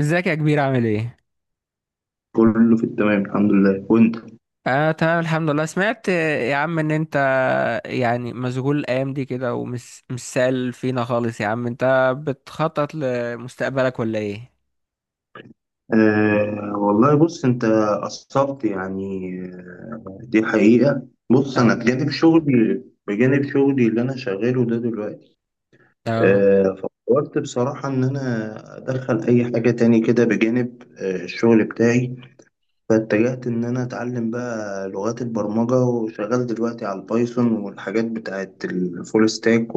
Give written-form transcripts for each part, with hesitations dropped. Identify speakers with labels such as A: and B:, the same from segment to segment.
A: ازيك يا كبير؟ عامل ايه؟
B: كله في التمام، الحمد لله، وانت؟
A: اه، تمام الحمد لله. سمعت يا عم ان انت يعني مشغول الايام دي كده، ومش مش سال فينا خالص. يا عم، انت بتخطط لمستقبلك ولا ايه؟
B: والله، بص انت قصرت يعني. دي حقيقة. بص، انا
A: اه.
B: بجانب شغلي، اللي انا شغاله ده دلوقتي.
A: اه.
B: آه فكرت بصراحة ان انا ادخل اي حاجة تاني كده بجانب الشغل بتاعي. فاتجهت ان انا اتعلم بقى لغات البرمجة، وشغال دلوقتي على البايثون والحاجات بتاعت الفول ستاك،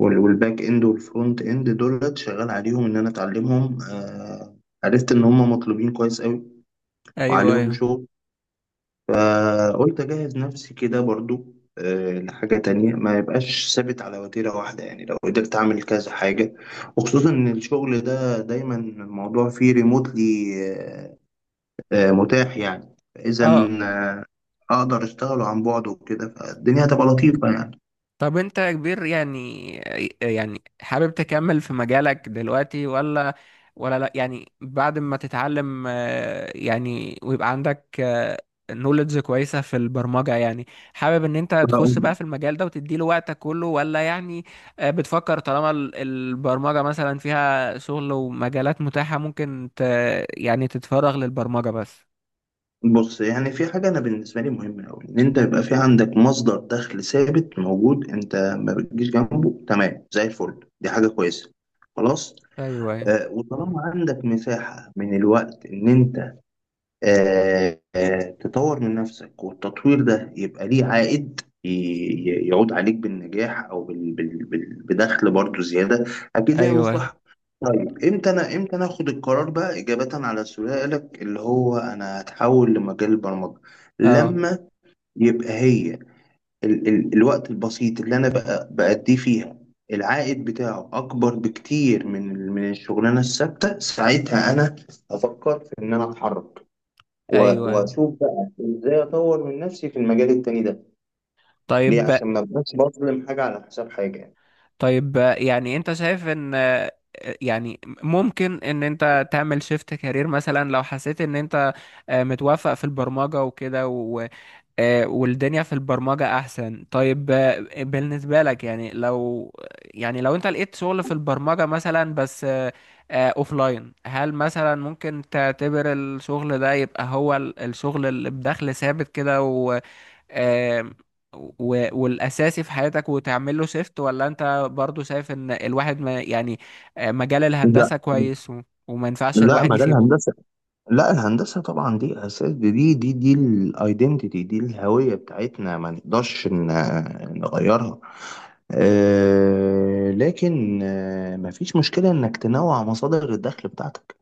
B: والباك اند والفرونت اند دولت، شغال عليهم ان انا اتعلمهم. عرفت ان هم مطلوبين كويس قوي
A: ايوه
B: وعليهم
A: ايوه.
B: شغل. فقلت اجهز نفسي كده برضو لحاجة تانية، ما يبقاش ثابت على وتيرة واحدة. يعني لو قدرت اعمل كذا حاجة، وخصوصا ان الشغل ده دايما الموضوع فيه ريموتلي، آه متاح يعني. فاذا
A: اه.
B: آه، اقدر اشتغله عن بعد وكده، فالدنيا هتبقى لطيفة.
A: طب انت يا كبير، يعني يعني حابب تكمل في مجالك دلوقتي ولا ولا؟ لا يعني بعد ما تتعلم، يعني ويبقى عندك نوليدج كويسة في البرمجة، يعني حابب ان انت تخش بقى
B: يعني
A: في المجال ده وتديله وقتك كله؟ ولا يعني بتفكر طالما البرمجة مثلا فيها شغل ومجالات متاحة، ممكن ت يعني تتفرغ للبرمجة بس؟
B: بص، يعني في حاجة أنا بالنسبة لي مهمة أوي، إن أنت يبقى في عندك مصدر دخل ثابت موجود أنت ما بتجيش جنبه، تمام زي الفل. دي حاجة كويسة. خلاص.
A: ايوه ايوه.
B: وطالما عندك مساحة من الوقت إن أنت تطور من نفسك، والتطوير ده يبقى ليه عائد، يعود عليك بالنجاح، او بدخل برضو زياده. اكيد ليها
A: ايوه.
B: مصلحه. طيب، امتى انا، امتى انا اخد القرار بقى، اجابه على سؤالك اللي هو انا هتحول لمجال البرمجه؟
A: اه.
B: لما يبقى هي، ال ال الوقت البسيط اللي انا بقى بأديه فيها العائد بتاعه اكبر بكتير من الشغلانه الثابته، ساعتها انا افكر في ان انا اتحرك،
A: ايوه ايوه.
B: واشوف بقى ازاي اطور من نفسي في المجال التاني ده. ليه؟
A: طيب.
B: عشان ما ابقاش بظلم حاجه على حساب حاجه يعني.
A: طيب، يعني انت شايف ان، يعني ممكن ان انت تعمل شيفت كارير مثلا لو حسيت ان انت متوافق في البرمجة وكده والدنيا في البرمجة احسن؟ طيب، بالنسبة لك يعني لو يعني لو انت لقيت شغل في البرمجة مثلا بس اوفلاين، هل مثلا ممكن تعتبر الشغل ده يبقى هو الشغل اللي بدخل ثابت كده، آم، والاساسي في حياتك وتعمل له شيفت؟ ولا انت برضو شايف ان الواحد ما يعني مجال
B: لا.
A: الهندسة كويس وما ينفعش
B: لا،
A: الواحد
B: مجال
A: يسيبه؟
B: الهندسة، لا الهندسة طبعا دي أساس، دي الايدنتيتي، دي الهوية بتاعتنا، ما نقدرش نغيرها. لكن مفيش مشكلة إنك تنوع مصادر الدخل بتاعتك،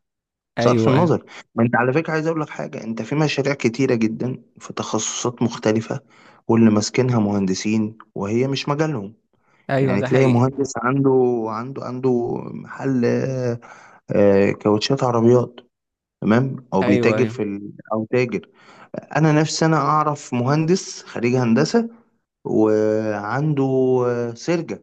B: صرف
A: ايوه ايوه.
B: النظر. ما انت على فكرة عايز اقول لك حاجة، انت في مشاريع كتيرة جدا في تخصصات مختلفة واللي ماسكينها مهندسين وهي مش مجالهم.
A: ايوه
B: يعني
A: ده
B: تلاقي
A: حقيقي.
B: مهندس عنده محل كاوتشات عربيات، تمام، او
A: ايوه
B: بيتاجر
A: ايوه.
B: في ال... او تاجر. انا نفسي انا اعرف مهندس خريج هندسة، وعنده سرجة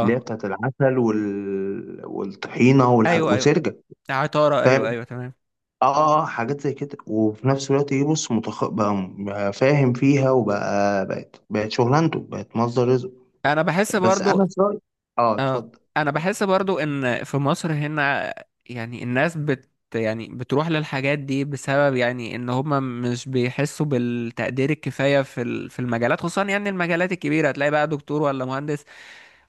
B: اللي هي بتاعت العسل وال... والطحينة والح...
A: ايوه ايوه،
B: وسرجة،
A: عطارة، ايوه
B: فاهم؟
A: ايوه تمام.
B: اه اه، حاجات زي كده. وفي نفس الوقت ايه، بص، متخ... بقى بقى فاهم فيها، وبقى بقت بقت شغلانته، بقت مصدر رزق.
A: انا بحس
B: بس
A: برضو.
B: انا في رأيي، اه
A: اه،
B: اتفضل.
A: انا بحس برضو ان في مصر هنا يعني الناس بت يعني بتروح للحاجات دي بسبب يعني ان هما مش بيحسوا بالتقدير الكفاية في في المجالات، خصوصا يعني المجالات الكبيرة. تلاقي بقى دكتور ولا مهندس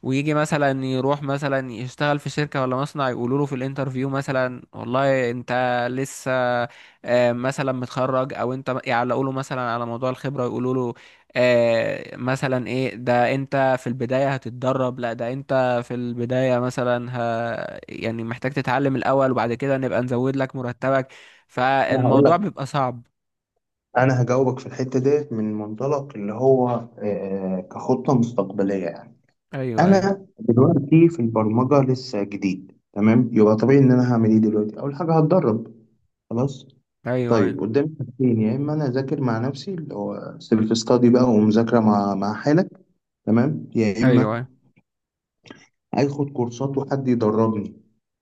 A: ويجي مثلا يروح مثلا يشتغل في شركة ولا مصنع، يقولوا له في الانترفيو مثلا والله انت لسه مثلا متخرج، او انت يعلقوا له مثلا على موضوع الخبرة، يقولوا له مثلا ايه ده انت في البداية هتتدرب. لا ده انت في البداية مثلا يعني محتاج تتعلم الاول، وبعد كده نبقى نزود لك مرتبك.
B: انا هقول
A: فالموضوع
B: لك،
A: بيبقى صعب.
B: انا هجاوبك في الحتة ديت من منطلق اللي هو كخطة مستقبلية يعني.
A: ايوه ايوه.
B: انا دلوقتي في البرمجة لسه جديد، تمام؟ يبقى طبيعي ان انا هعمل ايه دلوقتي؟ اول حاجة، هتدرب. خلاص.
A: ايوه ايوه.
B: طيب قدامي حاجتين، يا اما انا اذاكر مع نفسي اللي هو سيلف ستادي بقى، ومذاكرة مع حالك، تمام، يا اما
A: ايوه
B: اخد كورسات وحد يدربني.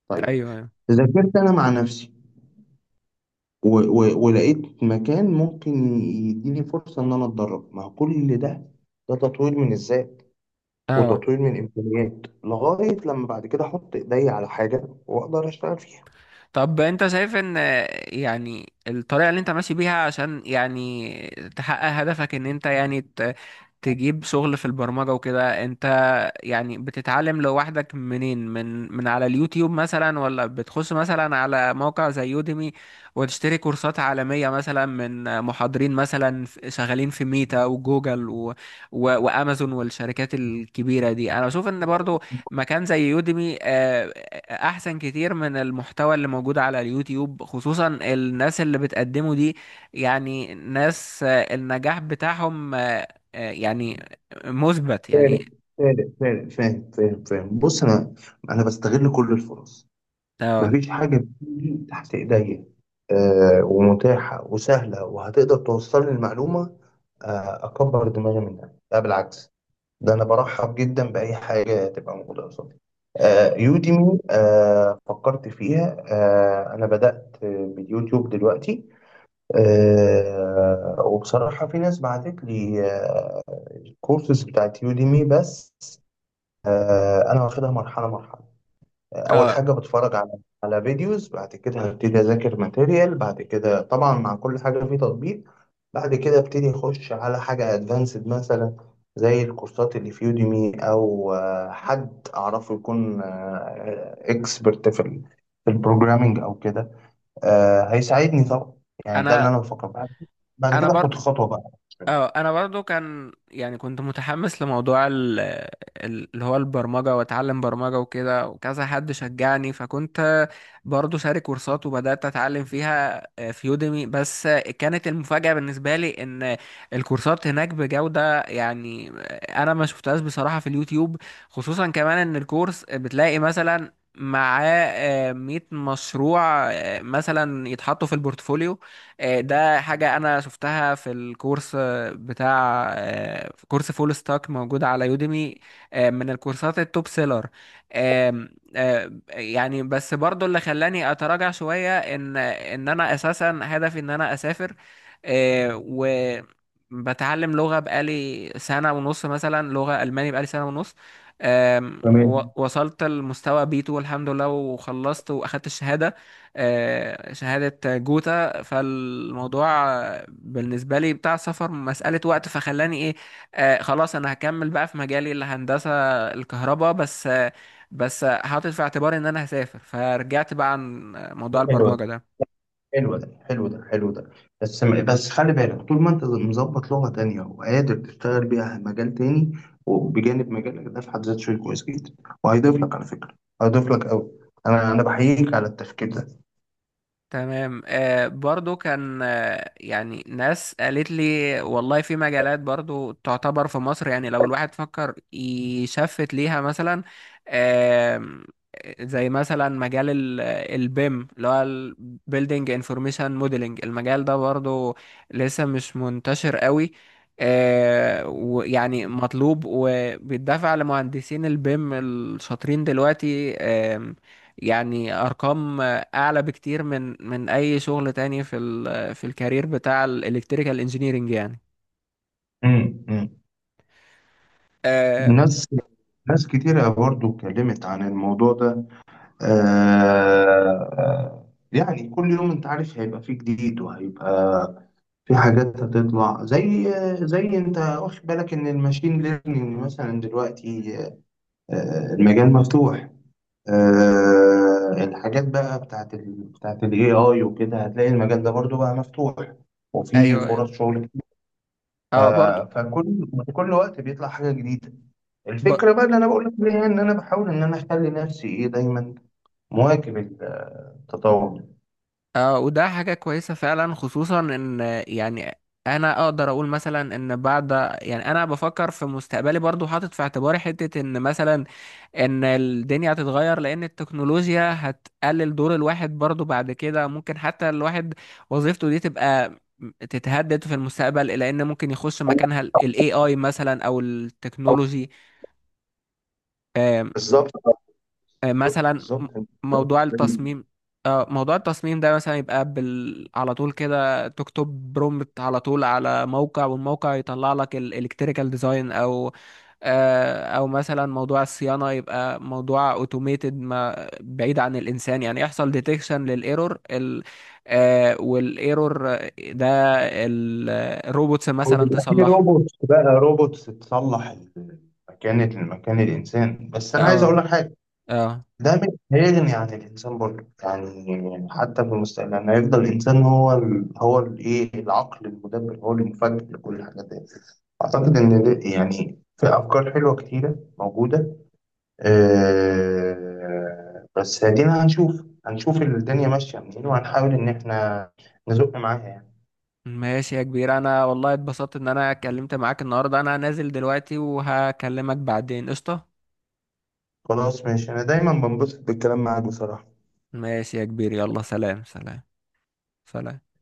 B: طيب،
A: ايوه.
B: ذاكرت انا مع نفسي و و ولقيت مكان ممكن يديني فرصة ان انا اتدرب. ما هو كل ده ده تطوير من الذات
A: أيوة.
B: وتطوير من الامكانيات، لغاية لما بعد كده احط ايدي على حاجة واقدر اشتغل فيها.
A: طب انت شايف ان يعني الطريقة اللي انت ماشي بيها عشان يعني تحقق هدفك، ان انت يعني تجيب شغل في البرمجة وكده، انت يعني بتتعلم لوحدك منين؟ من على اليوتيوب مثلا، ولا بتخش مثلا على موقع زي يوديمي وتشتري كورسات عالمية مثلا من محاضرين مثلا شغالين في ميتا وجوجل و وامازون والشركات الكبيرة دي؟ انا بشوف ان برضو مكان زي يوديمي، احسن كتير من المحتوى اللي موجود على اليوتيوب. خصوصا الناس اللي بتقدمه دي يعني ناس النجاح بتاعهم يعني مثبت يعني.
B: فاهم. بص انا، بستغل كل الفرص،
A: اه.
B: مفيش حاجة بتيجي تحت ايديا ومتاحة وسهلة وهتقدر توصل لي المعلومة اكبر دماغي منها، لا بالعكس. ده انا برحب جدا باي حاجه تبقى موجوده قصادي. يوديمي، فكرت فيها. انا بدات باليوتيوب دلوقتي. وبصراحه في ناس بعتت لي الكورسز بتاعت يوديمي، بس انا واخدها مرحله مرحله. اول
A: اه.
B: حاجه بتفرج على فيديوز، بعد كده هبتدي اذاكر ماتيريال، بعد كده طبعا مع كل حاجه في تطبيق، بعد كده ابتدي اخش على حاجه ادفانسد مثلا زي الكورسات اللي في يوديمي، او حد اعرفه يكون اكسبرت في في البروجرامينج او كده، هيساعدني طبعا. يعني ده اللي
A: انا
B: انا بفكر، بعد
A: انا
B: كده اخد
A: برضو
B: خطوه بقى.
A: اه انا برضو كان يعني كنت متحمس لموضوع اللي هو البرمجة، واتعلم برمجة وكده، وكذا حد شجعني، فكنت برضو شارك كورسات وبدأت اتعلم فيها، في يوديمي بس. كانت المفاجأة بالنسبة لي ان الكورسات هناك بجودة يعني، انا ما شفتهاش بصراحة في اليوتيوب. خصوصا كمان ان الكورس بتلاقي مثلا معاه مية مشروع مثلا يتحطوا في البورتفوليو. ده حاجة أنا شفتها في الكورس بتاع كورس فول ستاك موجود على يوديمي، من الكورسات التوب سيلر. آم، يعني بس برضو اللي خلاني اتراجع شوية ان انا اساسا هدفي ان انا اسافر. و بتعلم لغة بقالي سنة ونص مثلا، لغة ألماني بقالي سنة ونص،
B: تمام.
A: وصلت لمستوى بي 2 الحمد لله، وخلصت وأخدت الشهادة، شهادة جوتا. فالموضوع بالنسبة لي بتاع السفر مسألة وقت، فخلاني ايه، آه خلاص انا هكمل بقى في مجالي الهندسة الكهرباء بس. آه بس حاطط في اعتباري ان انا هسافر، فرجعت بقى عن موضوع
B: حلو،
A: البرمجة ده.
B: حلو ده، حلو ده، حلو ده. بس بس خلي بالك، طول ما انت مظبط لغة تانية وقادر تشتغل بيها مجال تاني، وبجانب مجالك ده في حد ذاته، شيء كويس جدا. وهيضيف لك على فكرة، هيضيف لك قوي. انا بحييك على التفكير ده.
A: تمام. آه برضو كان آه يعني ناس قالت لي والله في مجالات برضو تعتبر في مصر يعني لو الواحد فكر يشفت ليها مثلا، آه، زي مثلا مجال البيم، اللي هو ال Building Information Modeling. المجال ده برضو لسه مش منتشر قوي. آه، ويعني مطلوب وبيدفع لمهندسين البيم الشاطرين دلوقتي، آه يعني ارقام اعلى بكتير من اي شغل تاني في ال في الكارير بتاع الالكتريكال انجينيرنج يعني.
B: امم امم
A: آه.
B: ناس ناس كتيرة برضو اتكلمت عن الموضوع ده. آه يعني كل يوم انت عارف هيبقى فيه جديد، وهيبقى في حاجات هتطلع. زي انت واخد بالك ان الماشين ليرنينج مثلا دلوقتي، المجال مفتوح. الحاجات بقى بتاعت ال AI وكده، هتلاقي المجال ده برضو بقى مفتوح وفي
A: ايوه
B: فرص
A: ايوه.
B: شغل كتير.
A: اه برضو.
B: فكل، وقت بيطلع حاجة جديدة.
A: ب...
B: الفكرة بقى اللي أنا بقول لك عليها إن أنا بحاول إن أنا أخلي نفسي إيه دايما مواكب التطور ده.
A: آه وده حاجة كويسة فعلا، خصوصا ان يعني انا اقدر اقول مثلا ان بعد، يعني انا بفكر في مستقبلي برضو، حاطط في اعتباري حتة ان مثلا ان الدنيا هتتغير، لان التكنولوجيا هتقلل دور الواحد برضو بعد كده، ممكن حتى الواحد وظيفته دي تبقى تتهدد في المستقبل، لان ممكن يخش
B: أنا
A: مكانها الاي اي مثلا او
B: بحاول-
A: التكنولوجي.
B: بالظبط، بالظبط،
A: مثلا
B: بالظبط.
A: موضوع التصميم، موضوع التصميم ده مثلا يبقى على طول كده تكتب برومبت على طول على موقع، والموقع يطلع لك الالكتريكال ديزاين، او او مثلا موضوع الصيانة يبقى موضوع اوتوميتد ما بعيد عن الانسان، يعني يحصل ديتكشن للايرور والايرور ده ال- الروبوتس
B: أو
A: مثلا
B: يبقى في
A: تصلحه.
B: روبوتس، بقى روبوتس تصلح مكان الإنسان. بس أنا عايز أقول
A: اه.
B: لك حاجة،
A: اه.
B: ده مش هيغني عن الإنسان برضه، يعني حتى في المستقبل يعني هيفضل الإنسان هو ال هو الإيه العقل المدبر، هو اللي مفكر لكل الحاجات دي. أعتقد إن يعني في أفكار حلوة كتيرة موجودة. بس هدينا، هنشوف الدنيا ماشية منين، وهنحاول إن إحنا نزق معاها يعني.
A: ماشي يا كبير، انا والله اتبسطت ان انا اتكلمت معاك النهارده. انا نازل دلوقتي وهكلمك بعدين، قشطة.
B: خلاص، ماشي. أنا دايما بنبسط بالكلام معاك بصراحة.
A: ماشي يا كبير، يلا سلام. سلام. سلام.